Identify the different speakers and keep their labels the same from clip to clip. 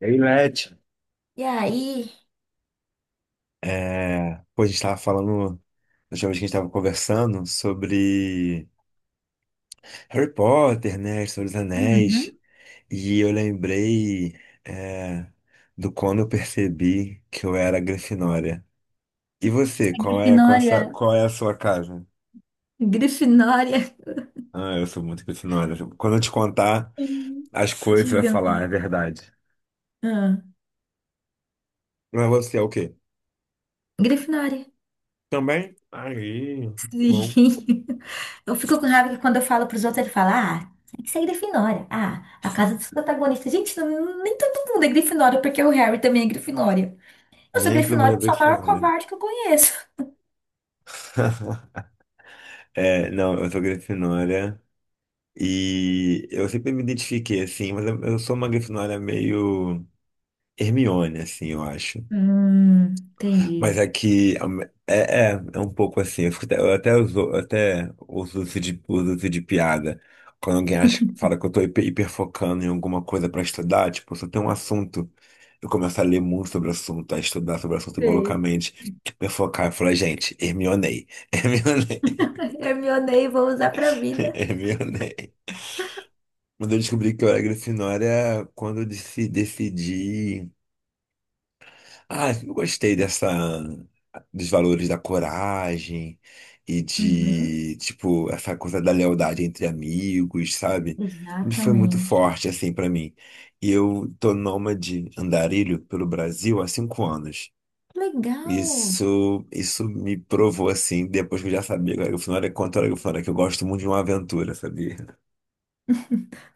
Speaker 1: E aí, Leti?
Speaker 2: E aí?
Speaker 1: É, pô, a gente tava falando, na última vez que a gente tava conversando sobre Harry Potter, né, sobre os Anéis,
Speaker 2: Uhum.
Speaker 1: e eu lembrei, é, do quando eu percebi que eu era Grifinória. E você,
Speaker 2: A Grifinória.
Speaker 1: qual é a sua casa?
Speaker 2: Grifinória,
Speaker 1: Ah, eu sou muito Grifinória. Quando eu te contar
Speaker 2: Sim.
Speaker 1: as coisas, você vai falar,
Speaker 2: Diga-me.
Speaker 1: é verdade.
Speaker 2: Ah,
Speaker 1: Mas você é o quê?
Speaker 2: Grifinória.
Speaker 1: Também? Aí,
Speaker 2: Sim.
Speaker 1: bom,
Speaker 2: Eu fico com raiva que quando eu falo pros outros, ele fala, ah, tem que ser Grifinória. Ah, a casa dos protagonistas. Gente, nem todo mundo é Grifinória, porque o Harry também é Grifinória. Eu sou
Speaker 1: nem todo mundo
Speaker 2: Grifinória,
Speaker 1: é
Speaker 2: eu sou a maior
Speaker 1: Grifinória.
Speaker 2: covarde que eu conheço.
Speaker 1: É, não, eu sou Grifinória e eu sempre me identifiquei assim, mas eu sou uma Grifinória meio Hermione, assim, eu acho.
Speaker 2: Hum,
Speaker 1: Mas
Speaker 2: entendi.
Speaker 1: aqui am- é, é, é um pouco assim, eu até uso isso de piada. Quando alguém acha, fala que eu tô hiperfocando em alguma coisa pra estudar, tipo, se eu tenho um assunto, eu começo a ler muito sobre o assunto, a estudar sobre o assunto igual
Speaker 2: Sei.
Speaker 1: loucamente, hiperfocar, eu falo, gente, Hermionei, Hermionei,
Speaker 2: Hermione, vou usar pra vida.
Speaker 1: Hermionei. Quando eu descobri que eu era Grifinória, quando eu decidi. Ah, eu gostei dessa, dos valores da coragem e
Speaker 2: Uhum,
Speaker 1: de, tipo, essa coisa da lealdade entre amigos, sabe? Tudo foi muito
Speaker 2: exatamente.
Speaker 1: forte, assim, pra mim. E eu tô nômade andarilho pelo Brasil há 5 anos.
Speaker 2: Legal.
Speaker 1: Isso me provou, assim, depois que eu já sabia que eu era Grifinória, quanto eu era Grifinória, que eu gosto muito de uma aventura, sabia?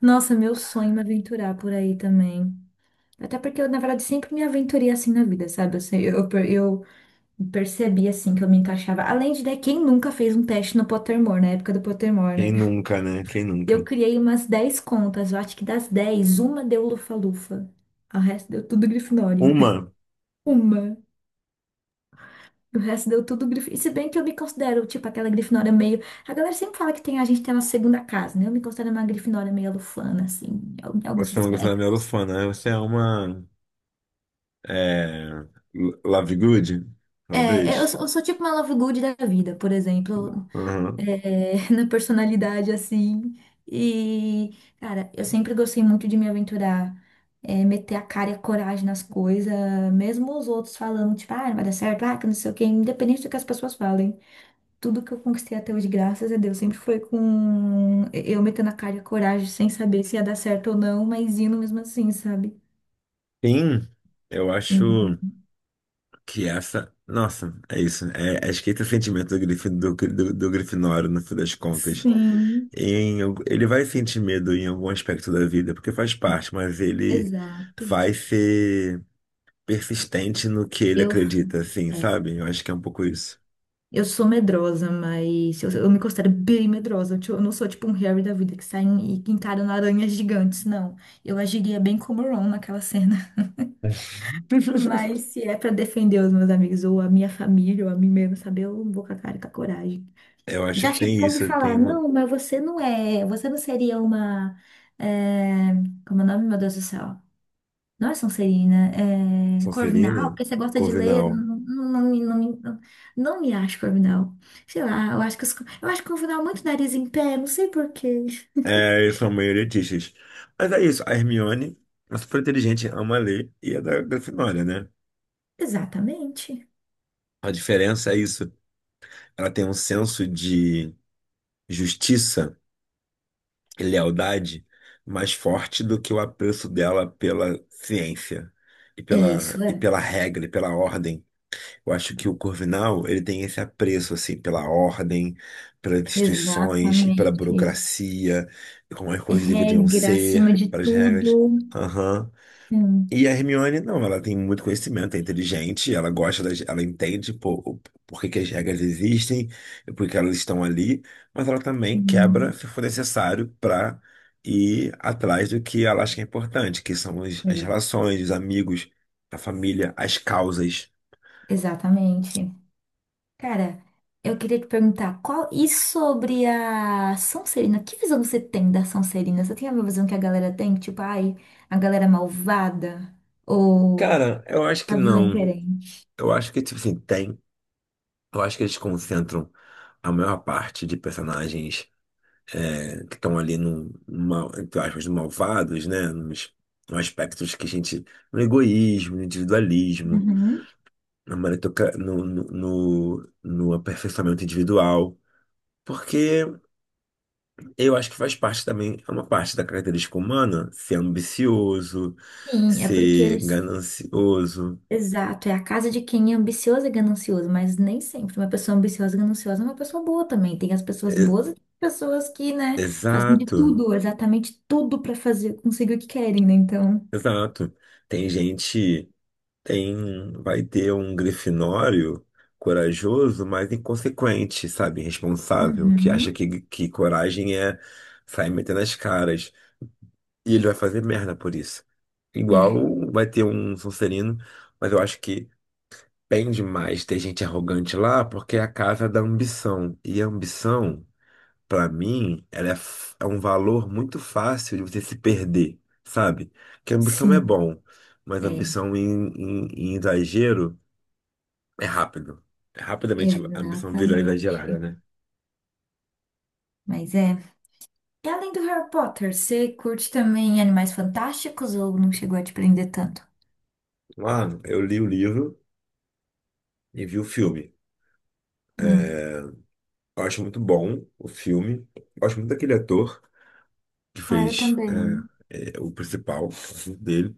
Speaker 2: Nossa, meu sonho é me aventurar por aí também. Até porque eu, na verdade, sempre me aventurei assim na vida, sabe? Eu percebi assim que eu me encaixava. Além de, né, quem nunca fez um teste no Pottermore, na época do Pottermore,
Speaker 1: Quem
Speaker 2: né?
Speaker 1: nunca, né? Quem
Speaker 2: Eu
Speaker 1: nunca?
Speaker 2: criei umas 10 contas, eu acho que das 10, uma deu Lufa-Lufa. O resto deu tudo Grifinória.
Speaker 1: Uma.
Speaker 2: Uma. O resto deu tudo Grifinória. E se bem que eu me considero, tipo, aquela Grifinória meio. A galera sempre fala que tem, a gente tem uma segunda casa, né? Eu me considero uma Grifinória meio lufana, assim, em alguns
Speaker 1: Você não gostou da
Speaker 2: aspectos.
Speaker 1: Melofona, né? Você é uma. É, Love Good,
Speaker 2: É, eu,
Speaker 1: talvez.
Speaker 2: sou- eu sou tipo uma Love Good da vida, por exemplo,
Speaker 1: Uhum.
Speaker 2: na personalidade assim. E, cara, eu sempre gostei muito de me aventurar, meter a cara e a coragem nas coisas, mesmo os outros falando, tipo, ah, não vai dar certo, ah, que não sei o quê, independente do que as pessoas falem. Tudo que eu conquistei até hoje, graças a Deus, sempre foi com eu metendo a cara e a coragem, sem saber se ia dar certo ou não, mas indo mesmo assim, sabe?
Speaker 1: Sim, eu acho
Speaker 2: Uhum.
Speaker 1: que essa. Nossa, é isso, né? É, acho que esse é o sentimento do, Grif, do Grifinório, no fim das contas.
Speaker 2: Sim,
Speaker 1: Ele vai sentir medo em algum aspecto da vida, porque faz parte, mas ele
Speaker 2: exato.
Speaker 1: vai ser persistente no que ele
Speaker 2: Eu.
Speaker 1: acredita, assim,
Speaker 2: é,
Speaker 1: sabe? Eu acho que é um pouco isso.
Speaker 2: Eu sou medrosa, mas eu me considero bem medrosa. Eu não sou tipo um Harry da vida que sai e que encara aranhas gigantes, não. Eu agiria bem como o Ron naquela cena. Mas se é pra defender os meus amigos ou a minha família ou a mim mesma, sabe? Eu vou com a cara e com a coragem.
Speaker 1: Eu acho
Speaker 2: Já
Speaker 1: que tem
Speaker 2: chegaram a me
Speaker 1: isso,
Speaker 2: falar,
Speaker 1: tem uma.
Speaker 2: não, mas você não é, você não seria uma. é, Como é o nome, meu Deus do céu? Não é Sonserina, é Corvinal,
Speaker 1: Sonserina,
Speaker 2: porque você gosta de ler,
Speaker 1: Corvinal.
Speaker 2: não, não, não, não, não, não me acho Corvinal. Sei lá, eu acho que eu acho Corvinal muito nariz em pé, não sei por quê.
Speaker 1: É, eles são meio elitistas. Mas é isso, a Hermione é super inteligente, ama ler e é da Grifinória, né?
Speaker 2: Exatamente.
Speaker 1: A diferença é isso, ela tem um senso de justiça e lealdade mais forte do que o apreço dela pela ciência e
Speaker 2: É
Speaker 1: pela,
Speaker 2: isso,
Speaker 1: e
Speaker 2: é.
Speaker 1: pela regra e pela ordem. Eu acho que o Corvinal, ele tem esse apreço, assim, pela ordem, pelas instituições e pela
Speaker 2: Exatamente.
Speaker 1: burocracia, e como as coisas deveriam
Speaker 2: Regra acima
Speaker 1: ser,
Speaker 2: de
Speaker 1: pelas regras.
Speaker 2: tudo.
Speaker 1: Aham.
Speaker 2: Hum,
Speaker 1: E a Hermione, não, ela tem muito conhecimento, é inteligente, ela entende por que que as regras existem e por que elas estão ali, mas ela também quebra
Speaker 2: hum,
Speaker 1: se for necessário para ir atrás do que ela acha que é importante, que são as
Speaker 2: é,
Speaker 1: relações, os amigos, a família, as causas.
Speaker 2: exatamente. Cara, eu queria te perguntar qual e sobre a Sonserina? Que visão você tem da Sonserina? Você tem a mesma visão que a galera tem? Tipo, ai, a galera malvada? Ou
Speaker 1: Cara, eu acho que
Speaker 2: a visão é
Speaker 1: não.
Speaker 2: diferente?
Speaker 1: Eu acho que, tipo assim, tem. Eu acho que eles concentram a maior parte de personagens que estão ali no, mal, entre aspas, malvados, né? Nos aspectos que a gente. No egoísmo, no individualismo,
Speaker 2: Uhum.
Speaker 1: na maritoca, no aperfeiçoamento individual. Porque eu acho que faz parte também, é uma parte da característica humana ser ambicioso,
Speaker 2: Sim, é porque
Speaker 1: ser
Speaker 2: eles.
Speaker 1: ganancioso.
Speaker 2: Exato, é a casa de quem é ambicioso e ganancioso, mas nem sempre. Uma pessoa ambiciosa e gananciosa é uma pessoa boa também. Tem as pessoas
Speaker 1: E-
Speaker 2: boas e tem pessoas que, né, fazem de
Speaker 1: Exato.
Speaker 2: tudo, exatamente tudo pra fazer, conseguir o que querem, né? Então.
Speaker 1: Exato. Tem gente, vai ter um grifinório corajoso, mas inconsequente, sabe? Irresponsável, que acha
Speaker 2: Uhum.
Speaker 1: que coragem é sair metendo as caras. E ele vai fazer merda por isso.
Speaker 2: É,
Speaker 1: Igual vai ter um Sonserino, mas eu acho que bem demais ter gente arrogante lá, porque é a casa da ambição. E a ambição. Pra mim, ela é um valor muito fácil de você se perder, sabe? Que ambição é
Speaker 2: sim.
Speaker 1: bom, mas
Speaker 2: É.
Speaker 1: ambição em exagero é rápido. É rapidamente a ambição virou
Speaker 2: Exatamente.
Speaker 1: exagerada, né?
Speaker 2: Mas é. E além do Harry Potter, você curte também Animais Fantásticos ou não chegou a te prender tanto?
Speaker 1: Ah, eu li o livro e vi o filme.
Speaker 2: Hum.
Speaker 1: Eu acho muito bom o filme. Eu gosto muito daquele ator que
Speaker 2: Ah, eu
Speaker 1: fez
Speaker 2: também.
Speaker 1: o principal dele.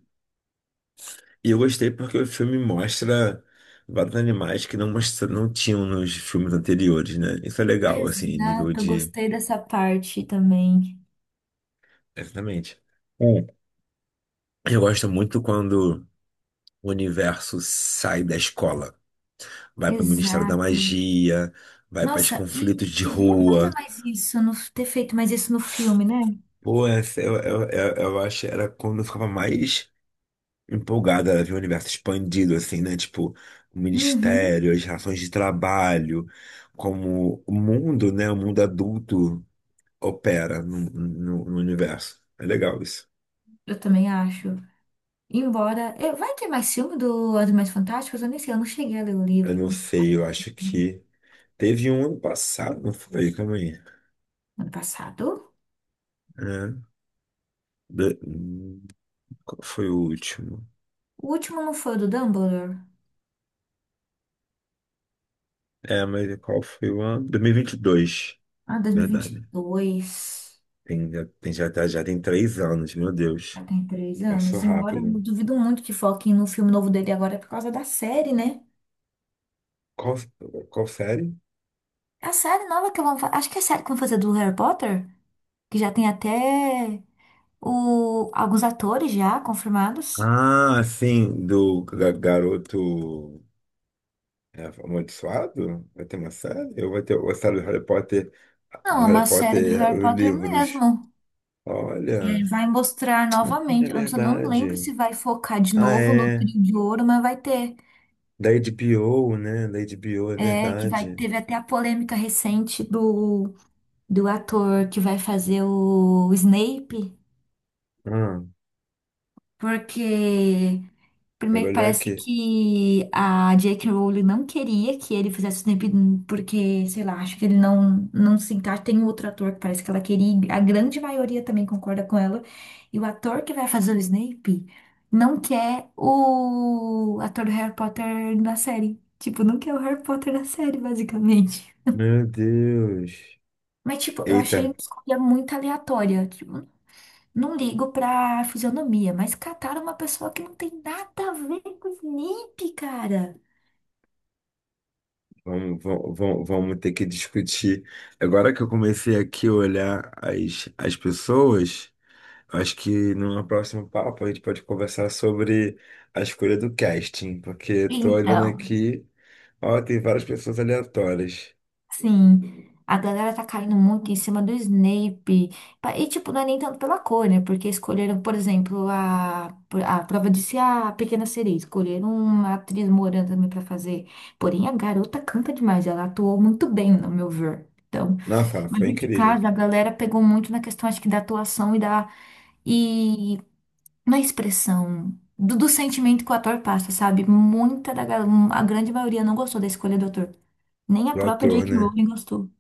Speaker 1: E eu gostei porque o filme mostra vários animais que não, mostra, não tinham nos filmes anteriores, né? Isso é legal, assim, nível
Speaker 2: Exato, eu
Speaker 1: de.
Speaker 2: gostei dessa parte também.
Speaker 1: Exatamente. Hum. Eu gosto muito quando o universo sai da escola, vai para o Ministério da
Speaker 2: Exato.
Speaker 1: Magia, vai para os
Speaker 2: Nossa, e
Speaker 1: conflitos de
Speaker 2: devia
Speaker 1: rua.
Speaker 2: fazer mais isso, no, ter feito mais isso no filme, né?
Speaker 1: Pô, eu acho que era quando eu ficava mais empolgada, ela vê o universo expandido, assim, né? Tipo, o
Speaker 2: Uhum,
Speaker 1: ministério, as relações de trabalho, como o mundo, né? O mundo adulto opera no universo. É legal isso.
Speaker 2: eu também acho. Embora. Vai ter mais filme do Animais Fantásticos? Eu nem sei, eu não cheguei a ler o
Speaker 1: Eu
Speaker 2: livro
Speaker 1: não sei, eu acho que teve um ano passado, não foi? Calma aí.
Speaker 2: ano passado.
Speaker 1: É, do- hum, qual foi o último?
Speaker 2: O último não foi o do Dumbledore?
Speaker 1: É, mas qual foi o ano? Dois mil e vinte e dois.
Speaker 2: Ah, dois mil e vinte e
Speaker 1: Verdade.
Speaker 2: dois.
Speaker 1: Já tem 3 anos, meu Deus.
Speaker 2: Já tem três
Speaker 1: Passou
Speaker 2: anos. Embora eu
Speaker 1: rápido.
Speaker 2: duvido muito que foquem no filme novo dele agora é por causa da série, né?
Speaker 1: Qual, qual série?
Speaker 2: É, a série nova que vão fazer. Acho que é a série que vão fazer do Harry Potter. Que já tem até o... alguns atores já confirmados.
Speaker 1: Ah, sim, do garoto amaldiçoado? Vai ter uma série? Eu vou ter a série do Harry Potter,
Speaker 2: Não, é uma série do Harry
Speaker 1: Os
Speaker 2: Potter
Speaker 1: livros.
Speaker 2: mesmo. E
Speaker 1: Olha,
Speaker 2: aí vai mostrar
Speaker 1: é
Speaker 2: novamente. Eu só não lembro
Speaker 1: verdade.
Speaker 2: se vai focar de
Speaker 1: Ah,
Speaker 2: novo no
Speaker 1: é.
Speaker 2: Trio de Ouro, mas vai ter.
Speaker 1: Da HBO, né? Da HBO, é
Speaker 2: É, que vai...
Speaker 1: verdade.
Speaker 2: teve até a polêmica recente do ator que vai fazer o Snape,
Speaker 1: Ah,
Speaker 2: porque
Speaker 1: quero
Speaker 2: primeiro que
Speaker 1: olhar
Speaker 2: parece
Speaker 1: aqui.
Speaker 2: que a J.K. Rowling não queria que ele fizesse o Snape porque, sei lá, acho que ele não se encaixa. Tem um outro ator que parece que ela queria, e a grande maioria também concorda com ela. E o ator que vai fazer o Snape não quer o ator do Harry Potter na série. Tipo, não quer o Harry Potter na série, basicamente.
Speaker 1: Meu Deus.
Speaker 2: Mas, tipo, eu achei
Speaker 1: Eita,
Speaker 2: uma escolha muito aleatória. Tipo, não ligo pra fisionomia, mas cataram uma pessoa que não tem nada a ver com o Snape, cara.
Speaker 1: vamos ter que discutir. Agora que eu comecei aqui a olhar as pessoas. Acho que numa próxima papo a gente pode conversar sobre a escolha do casting, porque eu tô olhando
Speaker 2: Então,
Speaker 1: aqui, ó, tem várias pessoas aleatórias.
Speaker 2: sim, a galera tá caindo muito em cima do Snape. E, tipo, não é nem tanto pela cor, né? Porque escolheram, por exemplo, a prova de ser a Pequena Sereia. Escolheram uma atriz morena também pra fazer. Porém, a garota canta demais. Ela atuou muito bem, no meu ver. Então,
Speaker 1: Nossa,
Speaker 2: mas
Speaker 1: foi
Speaker 2: de
Speaker 1: incrível.
Speaker 2: casa, a galera pegou muito na questão, acho que da atuação e da. Na expressão do sentimento que o ator passa, sabe? A grande maioria não gostou da escolha do ator. Nem a
Speaker 1: O
Speaker 2: própria
Speaker 1: ator,
Speaker 2: J.K.
Speaker 1: né?
Speaker 2: Rowling gostou.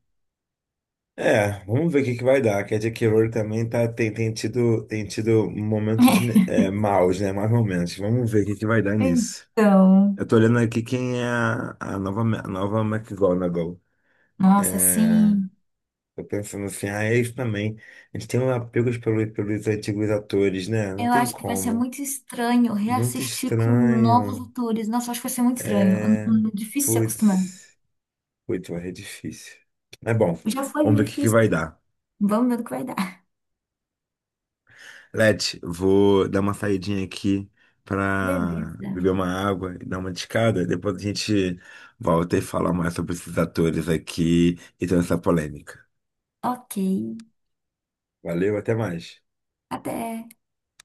Speaker 1: É, vamos ver o que que vai dar. Que a J.K. Rowling também tá, tem tido momentos né, maus, né? Mais momentos. Vamos ver o que que vai dar nisso.
Speaker 2: Então,
Speaker 1: Eu tô olhando aqui quem é a nova McGonagall.
Speaker 2: nossa,
Speaker 1: É,
Speaker 2: assim,
Speaker 1: tô pensando assim, ah, eles também. Eles têm um apego pelos antigos atores, né? Não
Speaker 2: eu
Speaker 1: tem
Speaker 2: acho que vai ser
Speaker 1: como.
Speaker 2: muito estranho
Speaker 1: Muito
Speaker 2: reassistir com novos
Speaker 1: estranho.
Speaker 2: atores. Nossa, eu acho que vai ser muito estranho.
Speaker 1: É.
Speaker 2: Difícil se acostumar.
Speaker 1: Putz. Putz, vai ser difícil. É bom.
Speaker 2: Já foi
Speaker 1: Vamos ver o que que vai
Speaker 2: difícil.
Speaker 1: dar.
Speaker 2: Vamos ver o que vai dar.
Speaker 1: Let, vou dar uma saidinha aqui pra
Speaker 2: Beleza.
Speaker 1: beber uma água e dar uma descada. Depois a gente volta e fala mais sobre esses atores aqui e toda essa polêmica.
Speaker 2: Ok.
Speaker 1: Valeu, até mais.
Speaker 2: Até.